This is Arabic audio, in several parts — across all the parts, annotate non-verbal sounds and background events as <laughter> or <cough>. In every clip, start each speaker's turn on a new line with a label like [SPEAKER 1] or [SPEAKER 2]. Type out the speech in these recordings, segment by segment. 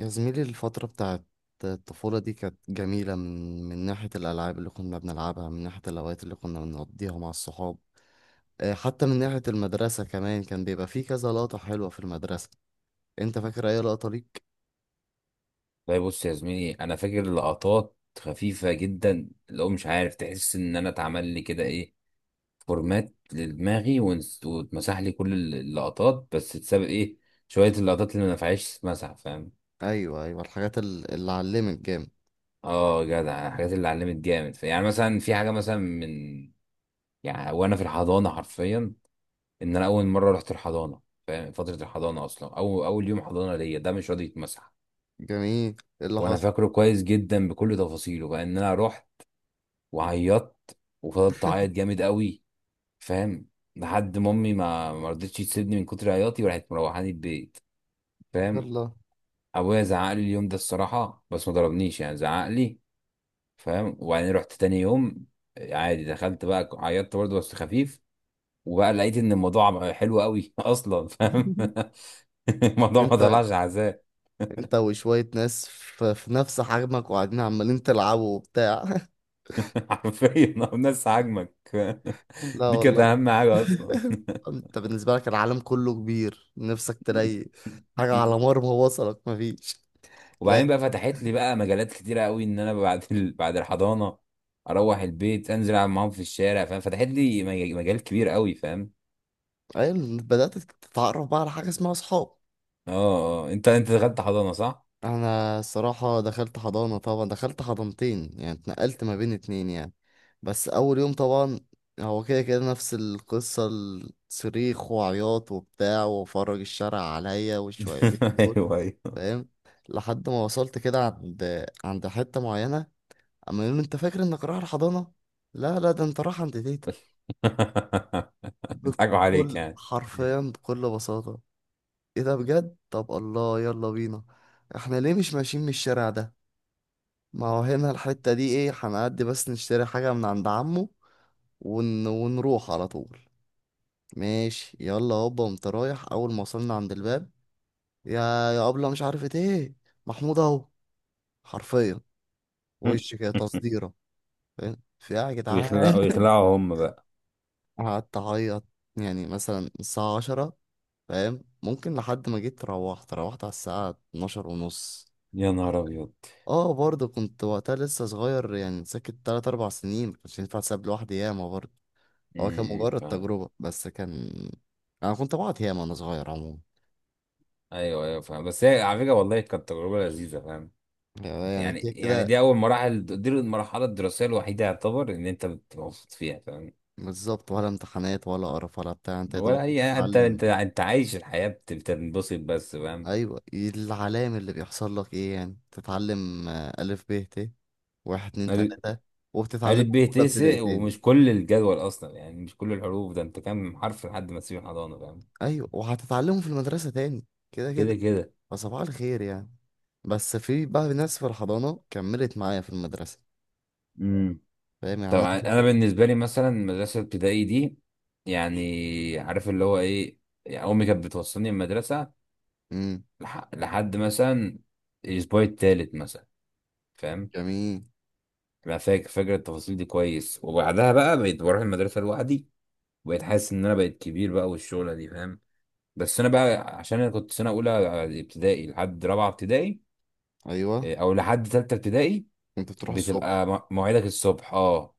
[SPEAKER 1] يا زميلي، الفترة بتاعت الطفولة دي كانت جميلة من ناحية الألعاب اللي كنا بنلعبها، من ناحية الأوقات اللي كنا بنقضيها مع الصحاب. آه، حتى من ناحية المدرسة كمان كان بيبقى فيه كذا لقطة حلوة في المدرسة. أنت فاكر أي لقطة ليك؟
[SPEAKER 2] لا، بص يا زميلي، انا فاكر لقطات خفيفه جدا، اللي هو مش عارف، تحس ان انا اتعمل لي كده ايه، فورمات لدماغي، واتمسح لي كل اللقطات، بس اتساب ايه، شويه اللقطات اللي ما نفعتش تتمسح، فاهم؟
[SPEAKER 1] أيوه أيوه، الحاجات اللي علمت جامد.
[SPEAKER 2] اه جدع، الحاجات اللي علمت جامد، يعني مثلا في حاجه، مثلا من، يعني وانا في الحضانه، حرفيا ان انا اول مره رحت الحضانه، فاهم؟ فتره الحضانه اصلا، او اول يوم حضانه ليا ده مش راضي يتمسح.
[SPEAKER 1] جميل، إيه اللي
[SPEAKER 2] وانا
[SPEAKER 1] حصل؟
[SPEAKER 2] فاكره كويس جدا بكل تفاصيله، بقى ان انا رحت وعيطت وفضلت اعيط جامد قوي، فاهم؟ لحد ما امي ما رضتش تسيبني من كتر عياطي، وراحت مروحاني البيت، فاهم؟
[SPEAKER 1] يلا.
[SPEAKER 2] ابويا زعق لي اليوم ده الصراحه، بس ما ضربنيش، يعني زعق لي، فاهم؟ وبعدين رحت تاني يوم عادي، دخلت بقى عيطت برضه بس خفيف، وبقى لقيت ان الموضوع بقى حلو قوي <laughs> اصلا، فاهم؟
[SPEAKER 1] <laughs>
[SPEAKER 2] <laughs> الموضوع ما
[SPEAKER 1] أنت
[SPEAKER 2] طلعش عذاب.
[SPEAKER 1] أنت وشوية ناس في نفس حجمك، وقاعدين عمالين تلعبوا وبتاع.
[SPEAKER 2] <laughs> حرفيا الناس عاجمك.
[SPEAKER 1] <laughs>
[SPEAKER 2] <laughs>
[SPEAKER 1] لا
[SPEAKER 2] دي كانت
[SPEAKER 1] والله.
[SPEAKER 2] اهم حاجه اصلا.
[SPEAKER 1] انت بالنسبة لك العالم كله كبير، نفسك تلاقي حاجة على
[SPEAKER 2] <laughs>
[SPEAKER 1] مرمى وصلك مفيش. لا.
[SPEAKER 2] وبعدين بقى فتحت لي بقى مجالات كتيره قوي، ان انا بعد <laughs> بعد الحضانه اروح البيت، انزل العب معاهم في الشارع، فاهم؟ فتحت لي مجال كبير قوي، فاهم؟
[SPEAKER 1] أيوة، بدأت تتعرف بقى على حاجة اسمها صحاب.
[SPEAKER 2] اه اه، انت دخلت حضانه صح؟
[SPEAKER 1] أنا الصراحة دخلت حضانة، طبعا دخلت حضانتين يعني اتنقلت ما بين اتنين يعني. بس أول يوم طبعا هو كده كده نفس القصة، الصريخ وعياط وبتاع وفرج الشارع عليا والشويتين
[SPEAKER 2] <laughs>
[SPEAKER 1] دول.
[SPEAKER 2] ايوه ايوه. <laughs>
[SPEAKER 1] فاهم. لحد ما وصلت كده عند حتة معينة. اما يوم انت فاكر انك رايح الحضانه، لا لا، ده انت رايح عند تيتا
[SPEAKER 2] بيضحكوا عليك
[SPEAKER 1] بكل
[SPEAKER 2] يعني.
[SPEAKER 1] حرفيا بكل بساطه. ايه ده بجد؟ طب الله يلا بينا. احنا ليه مش ماشيين من الشارع ده؟ ما هو هنا الحته دي ايه، هنعدي بس نشتري حاجه من عند عمه ونروح على طول. ماشي يلا هوبا، قمت رايح. اول ما وصلنا عند الباب، يا، يا ابله مش عارفه ايه، محمود اهو، حرفيا، وش
[SPEAKER 2] <laughs>
[SPEAKER 1] كده تصديره. فاهم؟ في إيه يا جدعان.
[SPEAKER 2] ويخلعوا ويخلعوا هم بقى.
[SPEAKER 1] <laughs> قعدت اعيط، يعني مثلا الساعة عشرة، فاهم ممكن لحد ما جيت، روحت على الساعة 12 ونص.
[SPEAKER 2] يا نهار ابيض.
[SPEAKER 1] اه برضه كنت وقتها لسه صغير يعني، ساكت تلات أربع سنين، مكانش ينفع تساب لوحدي ياما برضه. هو كان مجرد
[SPEAKER 2] فاهم.
[SPEAKER 1] تجربة بس كان، أنا كنت بقعد ياما وأنا صغير عموما.
[SPEAKER 2] ايوه ايوه فاهم، بس هي على فكره والله كانت تجربه لذيذه، فاهم؟
[SPEAKER 1] يعني
[SPEAKER 2] يعني
[SPEAKER 1] كده
[SPEAKER 2] يعني
[SPEAKER 1] كده.
[SPEAKER 2] دي اول مراحل، دي المرحله الدراسيه الوحيده يعتبر ان انت بتبقى مبسوط فيها، فاهم؟
[SPEAKER 1] بالظبط، ولا امتحانات ولا قرف ولا بتاع، انت يا
[SPEAKER 2] ولا
[SPEAKER 1] دوبك
[SPEAKER 2] اي، انت
[SPEAKER 1] بتتعلم.
[SPEAKER 2] انت انت عايش الحياه، بتنبسط بس، فاهم؟
[SPEAKER 1] ايوه، العلام اللي بيحصل لك ايه يعني؟ تتعلم آه، الف ب ت، واحد اتنين
[SPEAKER 2] قال-
[SPEAKER 1] تلاتة، وبتتعلمه
[SPEAKER 2] قالت
[SPEAKER 1] في
[SPEAKER 2] به
[SPEAKER 1] أولى ابتدائي
[SPEAKER 2] تسق،
[SPEAKER 1] تاني.
[SPEAKER 2] ومش كل الجدول اصلا، يعني مش كل الحروف، ده انت كام حرف لحد ما تسيب الحضانه، فاهم؟
[SPEAKER 1] ايوه وهتتعلمه في المدرسة تاني. كده كده.
[SPEAKER 2] كده كده.
[SPEAKER 1] فصباح الخير يعني. بس في بقى ناس في الحضانة كملت معايا في المدرسة.
[SPEAKER 2] امم
[SPEAKER 1] فاهم يعني أنا.
[SPEAKER 2] طبعا انا بالنسبه لي مثلا، مدرسه ابتدائي دي، يعني عارف اللي هو ايه، يعني امي كانت بتوصلني المدرسه،
[SPEAKER 1] امم.
[SPEAKER 2] لحد مثلا الاسبوع التالت مثلا، فاهم؟
[SPEAKER 1] جميل.
[SPEAKER 2] انا فاكر التفاصيل دي كويس، وبعدها بقى بقيت بروح المدرسه لوحدي، وبقيت حاسس ان انا بقيت كبير بقى، والشغله دي، فاهم؟ بس انا بقى عشان انا كنت سنه اولى ابتدائي لحد رابعه ابتدائي،
[SPEAKER 1] أيوه
[SPEAKER 2] إيه، او لحد ثالثه ابتدائي.
[SPEAKER 1] كنت بتروح الصبح.
[SPEAKER 2] بتبقى مواعيدك الصبح، اه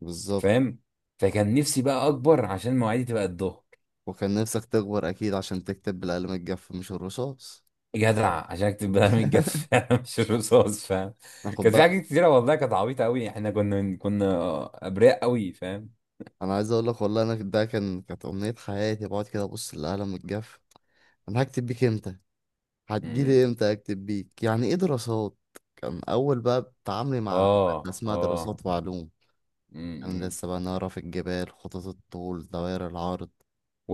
[SPEAKER 1] بالظبط.
[SPEAKER 2] فاهم، فكان نفسي بقى اكبر عشان مواعيدي تبقى الظهر.
[SPEAKER 1] وكان نفسك تكبر أكيد عشان تكتب بالقلم الجاف مش الرصاص.
[SPEAKER 2] جدع، عشان اكتب بقى
[SPEAKER 1] <laughs>
[SPEAKER 2] الجف <laughs> مش الرصاص، فاهم؟
[SPEAKER 1] أنا خد
[SPEAKER 2] كان في
[SPEAKER 1] بالك.
[SPEAKER 2] حاجات كتيره والله كانت عبيطه قوي، احنا كنا ابرياء قوي، فاهم؟
[SPEAKER 1] أنا عايز أقول لك والله، أنا ده كان كانت أمنية حياتي، بقعد كده أبص للقلم الجاف. أنا هكتب بيك إمتى؟
[SPEAKER 2] مم.
[SPEAKER 1] هتجيلي إمتى أكتب بيك؟ يعني إيه دراسات؟ كان أول بقى تعاملي مع مادة
[SPEAKER 2] اه
[SPEAKER 1] اسمها
[SPEAKER 2] اه.
[SPEAKER 1] دراسات وعلوم. كان
[SPEAKER 2] مم.
[SPEAKER 1] لسه بقى نعرف الجبال، خطوط الطول، دوائر العرض.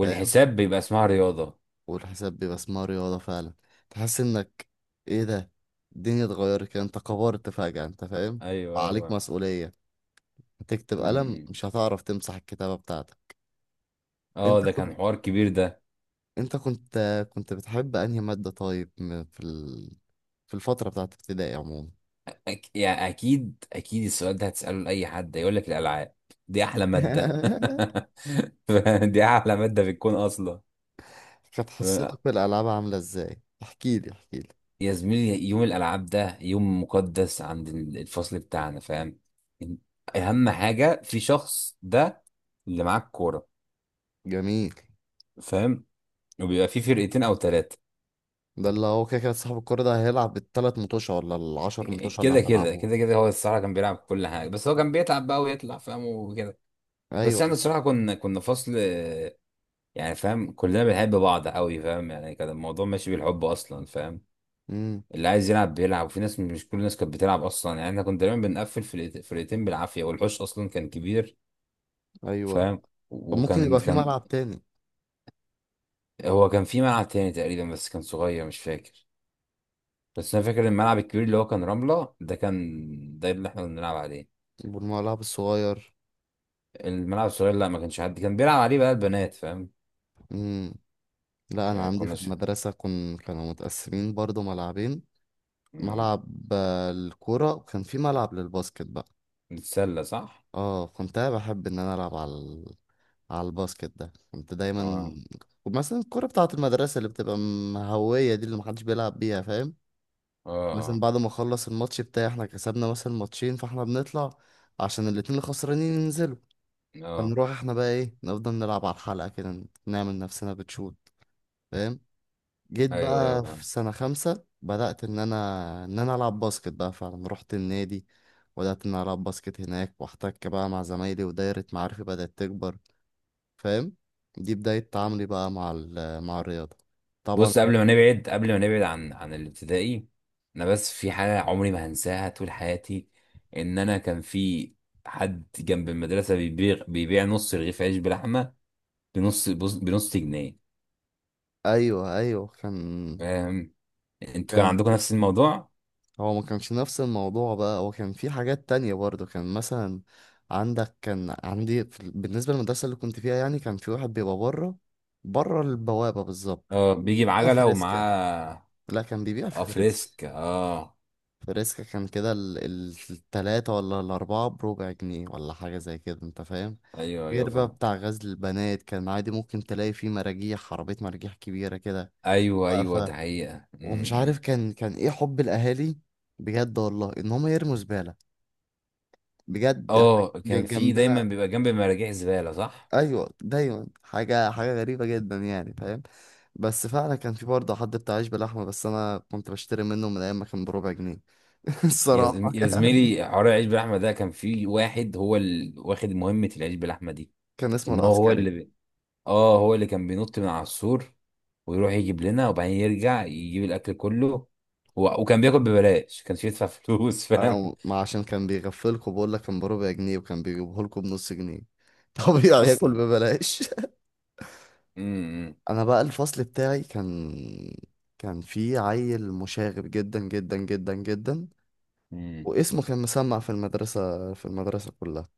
[SPEAKER 1] فاهم.
[SPEAKER 2] بيبقى اسمها رياضه.
[SPEAKER 1] والحساب بيبقى اسمها رياضة فعلا. تحس انك، ايه ده، الدنيا اتغيرت كده. انت كبرت فجأة انت فاهم.
[SPEAKER 2] ايوه ايوه
[SPEAKER 1] عليك
[SPEAKER 2] فاهم.
[SPEAKER 1] مسؤولية، هتكتب قلم
[SPEAKER 2] مم.
[SPEAKER 1] مش هتعرف تمسح الكتابة بتاعتك.
[SPEAKER 2] اه
[SPEAKER 1] انت
[SPEAKER 2] ده كان
[SPEAKER 1] كنت
[SPEAKER 2] حوار كبير ده.
[SPEAKER 1] انت كنت كنت بتحب انهي مادة طيب، في في الفترة بتاعت ابتدائي عموما.
[SPEAKER 2] يعني اكيد اكيد، السؤال ده هتساله لاي حد يقول لك الالعاب دي احلى ماده.
[SPEAKER 1] <laughs>
[SPEAKER 2] <laughs> دي احلى ماده في الكون اصلا.
[SPEAKER 1] كانت
[SPEAKER 2] ف-
[SPEAKER 1] حصتك بالألعاب عاملة ازاي؟ احكيلي احكيلي.
[SPEAKER 2] يا زميلي، يوم الالعاب ده يوم مقدس عند الفصل بتاعنا، فاهم؟ اهم حاجه في شخص ده اللي معاه الكوره،
[SPEAKER 1] جميل.
[SPEAKER 2] فاهم؟ وبيبقى في فرقتين او ثلاثه.
[SPEAKER 1] ده اللي هو كده كده، صاحب الكورة ده هيلعب التلات متوشة ولا العشر متوشة اللي
[SPEAKER 2] كده كده
[SPEAKER 1] هتلعبوه.
[SPEAKER 2] كده كده، هو الصراحه كان بيلعب كل حاجه، بس هو كان بيتعب بقى ويطلع، فاهم وكده. بس
[SPEAKER 1] ايوه.
[SPEAKER 2] احنا الصراحه كنا فصل، يعني فاهم، كلنا بنحب بعض قوي، فاهم؟ يعني كان الموضوع ماشي بالحب اصلا، فاهم؟
[SPEAKER 1] امم.
[SPEAKER 2] اللي عايز يلعب بيلعب، وفي ناس مش كل الناس كانت بتلعب اصلا، يعني احنا كنا دايما بنقفل فرقتين بالعافيه، والحوش اصلا كان كبير،
[SPEAKER 1] ايوه.
[SPEAKER 2] فاهم؟
[SPEAKER 1] طب ممكن
[SPEAKER 2] وكان
[SPEAKER 1] يبقى في
[SPEAKER 2] كان
[SPEAKER 1] ملعب تاني؟
[SPEAKER 2] هو كان في ملعب تاني تقريبا، بس كان صغير مش فاكر، بس انا فاكر الملعب الكبير اللي هو كان رمله ده، كان ده اللي احنا كنا بنلعب عليه.
[SPEAKER 1] والملعب الصغير؟
[SPEAKER 2] الملعب الصغير لا، ما كانش حد كان بيلعب عليه بقى البنات، فاهم؟
[SPEAKER 1] امم. لا انا
[SPEAKER 2] يعني
[SPEAKER 1] عندي في
[SPEAKER 2] كنا
[SPEAKER 1] المدرسة كانوا متقسمين برضو ملعبين.
[SPEAKER 2] مم.
[SPEAKER 1] ملعب آه، الكورة، وكان في ملعب للباسكت بقى.
[SPEAKER 2] نتسلى صح.
[SPEAKER 1] اه كنت أنا بحب ان انا العب على على الباسكت ده، كنت دايما
[SPEAKER 2] اه
[SPEAKER 1] مثلا الكورة بتاعة المدرسة اللي بتبقى مهوية دي، اللي محدش بيلعب بيها فاهم.
[SPEAKER 2] اه
[SPEAKER 1] مثلا
[SPEAKER 2] اه
[SPEAKER 1] بعد ما اخلص الماتش بتاعي، احنا كسبنا مثلا ماتشين، فاحنا بنطلع عشان الاتنين الخسرانين ينزلوا.
[SPEAKER 2] اه.
[SPEAKER 1] فنروح احنا بقى ايه، نفضل نلعب على الحلقة كده، نعمل نفسنا بتشوت. فاهم. جيت
[SPEAKER 2] ايوه
[SPEAKER 1] بقى في
[SPEAKER 2] ايوه.
[SPEAKER 1] سنة خمسة بدأت ان انا العب باسكت بقى فعلا، رحت النادي وبدأت ان انا العب باسكت هناك، واحتك بقى مع زمايلي، ودايرة معارفي بدأت تكبر. فاهم. دي بداية تعاملي بقى مع مع الرياضة طبعا.
[SPEAKER 2] بص، قبل ما نبعد عن الابتدائي، انا بس في حاجه عمري ما هنساها طول حياتي، ان انا كان في حد جنب المدرسه بيبيع نص رغيف عيش بلحمه بنص بنص جنيه،
[SPEAKER 1] ايوه ايوه، كان
[SPEAKER 2] فاهم؟ انتوا كان
[SPEAKER 1] كان
[SPEAKER 2] عندكم نفس الموضوع؟
[SPEAKER 1] هو ما كانش نفس الموضوع بقى، هو كان في حاجات تانية برضه، كان مثلا عندك، كان عندي في بالنسبة للمدرسة اللي كنت فيها يعني، كان في واحد بيبقى بره، بره البوابة بالظبط.
[SPEAKER 2] اه بيجي
[SPEAKER 1] لا
[SPEAKER 2] بعجله
[SPEAKER 1] فريسكا،
[SPEAKER 2] ومعاه،
[SPEAKER 1] لا كان بيبيع
[SPEAKER 2] اه
[SPEAKER 1] في فريسكا.
[SPEAKER 2] فريسك اه.
[SPEAKER 1] فريسكا كان كده التلاتة ولا الأربعة بربع جنيه ولا حاجة زي كده، أنت فاهم.
[SPEAKER 2] ايوه ايوه
[SPEAKER 1] غير بقى
[SPEAKER 2] فاهم.
[SPEAKER 1] بتاع غزل البنات، كان عادي ممكن تلاقي فيه مراجيح عربية، مراجيح كبيرة كده
[SPEAKER 2] ايوه ايوه ده
[SPEAKER 1] واقفة.
[SPEAKER 2] حقيقه
[SPEAKER 1] ومش عارف
[SPEAKER 2] م.
[SPEAKER 1] كان إيه حب الأهالي بجد والله، إن هما يرموا زبالة بجد حاجة
[SPEAKER 2] اه كان في دايما
[SPEAKER 1] جنبنا.
[SPEAKER 2] بيبقى جنب مراجيح زباله، صح.
[SPEAKER 1] ايوه دايما حاجه حاجه غريبه جدا يعني، فاهم. بس فعلا كان في برضه حد بتاع عيش بلحمه، بس انا كنت بشتري منه من ايام ما كان بربع جنيه. <laughs> الصراحه
[SPEAKER 2] يا
[SPEAKER 1] يعني.
[SPEAKER 2] زميلي، حوار العيش باللحمه ده، كان في واحد هو اللي واخد مهمه العيش باللحمه دي.
[SPEAKER 1] كان اسمه
[SPEAKER 2] ان هو
[SPEAKER 1] العسكري.
[SPEAKER 2] اللي اه هو اللي كان بينط من على السور، ويروح يجيب لنا، وبعدين يرجع يجيب الاكل كله، وكان بياكل ببلاش، كانش يدفع فلوس، <laughs> فاهم
[SPEAKER 1] انا ما عشان كان بيغفلكوا، بقول لك كان بربع جنيه وكان بيجيبه لكم بنص جنيه. <laughs> طبيعي ياكل
[SPEAKER 2] اصلا.
[SPEAKER 1] ببلاش.
[SPEAKER 2] امم
[SPEAKER 1] انا بقى الفصل بتاعي كان، كان في عيل مشاغب جدا جدا جدا جدا،
[SPEAKER 2] امم
[SPEAKER 1] واسمه كان مسمع في المدرسه، في المدرسه كلها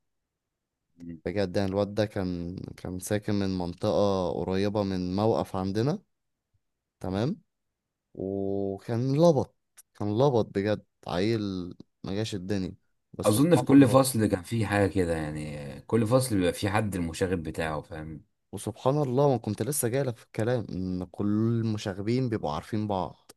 [SPEAKER 1] بجد. يعني الواد ده كان ساكن من منطقة قريبة من موقف عندنا. تمام. وكان لبط، كان لبط بجد عيل ما جاش الدنيا، بس
[SPEAKER 2] اظن في
[SPEAKER 1] سبحان
[SPEAKER 2] كل
[SPEAKER 1] الله.
[SPEAKER 2] فصل كان في حاجه كده، يعني كل فصل بيبقى في حد المشاغب بتاعه، فاهم؟
[SPEAKER 1] وسبحان الله ما كنت لسه جايلك في الكلام ان كل المشاغبين بيبقوا عارفين بعض.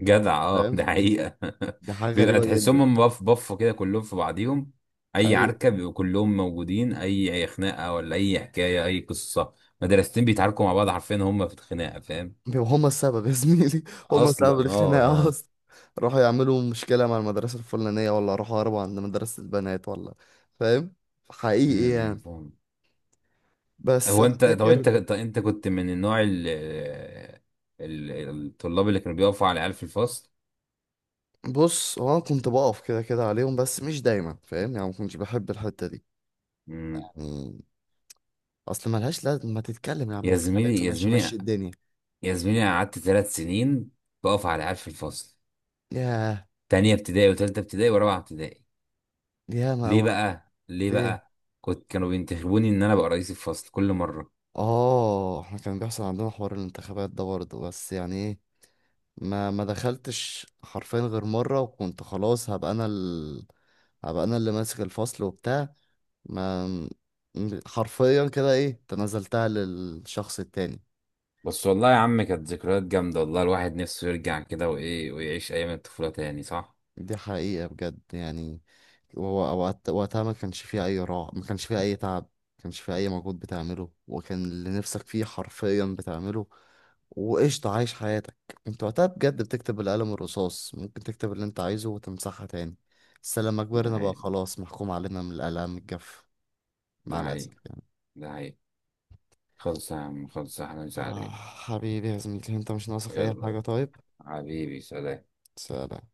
[SPEAKER 2] جدع اه،
[SPEAKER 1] فاهم.
[SPEAKER 2] ده حقيقة.
[SPEAKER 1] دي حاجة
[SPEAKER 2] <laughs> بيبقى
[SPEAKER 1] غريبة
[SPEAKER 2] تحسهم
[SPEAKER 1] جدا.
[SPEAKER 2] هم بفوا كده كلهم في بعضيهم. اي
[SPEAKER 1] ايوه
[SPEAKER 2] عركة بيبقوا كلهم موجودين، اي خناقة، ولا اي حكاية، اي قصة، مدرستين بيتعاركوا مع بعض حرفيا هم في الخناقة، فاهم؟
[SPEAKER 1] بيبقوا هما السبب يا زميلي. <laughs> هما
[SPEAKER 2] اصلا
[SPEAKER 1] سبب
[SPEAKER 2] اه
[SPEAKER 1] الخناقة
[SPEAKER 2] ها.
[SPEAKER 1] اصلا، راحوا يعملوا مشكلة مع المدرسة الفلانية، ولا راحوا هربوا عند مدرسة البنات، ولا. فاهم. حقيقي يعني.
[SPEAKER 2] فاهم.
[SPEAKER 1] بس
[SPEAKER 2] هو
[SPEAKER 1] انا
[SPEAKER 2] انت، طب
[SPEAKER 1] فاكر.
[SPEAKER 2] انت، طب انت كنت من النوع الطلاب اللي كانوا بيقفوا على العيال في الفصل؟
[SPEAKER 1] بص هو انا كنت بقف كده كده عليهم بس مش دايما فاهم، يعني ما كنتش بحب الحته دي
[SPEAKER 2] امم.
[SPEAKER 1] يعني. اصل ملهاش لازم، ما تتكلم يا عم
[SPEAKER 2] يا
[SPEAKER 1] في الخباثه،
[SPEAKER 2] زميلي يا
[SPEAKER 1] ماشي مشي
[SPEAKER 2] زميلي
[SPEAKER 1] الدنيا.
[SPEAKER 2] يا زميلي، أنا قعدت 3 سنين بقف على العيال في الفصل،
[SPEAKER 1] ياه.
[SPEAKER 2] تانية ابتدائي وتالتة ابتدائي ورابعة ابتدائي.
[SPEAKER 1] ياه ما
[SPEAKER 2] ليه
[SPEAKER 1] اوعى.
[SPEAKER 2] بقى ليه
[SPEAKER 1] ليه؟
[SPEAKER 2] بقى؟ كانوا بينتخبوني ان انا ابقى رئيس الفصل كل مره.
[SPEAKER 1] اه احنا كان بيحصل عندنا حوار الانتخابات ده برضه بس، يعني ايه، ما ما دخلتش حرفيا غير مره، وكنت خلاص هبقى انا هبقى انا اللي ماسك الفصل وبتاع. ما م- حرفيا كده ايه، تنازلتها للشخص التاني.
[SPEAKER 2] بس والله يا عم، كانت ذكريات جامده، والله الواحد نفسه يرجع كده، وايه، ويعيش ايام الطفوله تاني، صح.
[SPEAKER 1] دي حقيقة بجد يعني. هو وقتها ما كانش فيه أي راحة، ما كانش فيه أي تعب، ما كانش فيه أي مجهود بتعمله، وكان اللي نفسك فيه حرفيا بتعمله، وقشطة عايش حياتك. كنت وقتها بجد بتكتب القلم الرصاص، ممكن تكتب اللي أنت عايزه وتمسحها تاني. بس لما
[SPEAKER 2] ده
[SPEAKER 1] كبرنا بقى،
[SPEAKER 2] حقيقي،
[SPEAKER 1] خلاص محكوم علينا من الآلام الجاف. مع
[SPEAKER 2] ده
[SPEAKER 1] الأسف
[SPEAKER 2] حقيقي،
[SPEAKER 1] يعني.
[SPEAKER 2] ده حقيقي. خلص يا عم، خلص يا احمد
[SPEAKER 1] آه
[SPEAKER 2] سعد.
[SPEAKER 1] حبيبي يا زميلي، أنت مش ناقصك أي
[SPEAKER 2] يلا
[SPEAKER 1] حاجة طيب.
[SPEAKER 2] حبيبي، سلام.
[SPEAKER 1] سلام.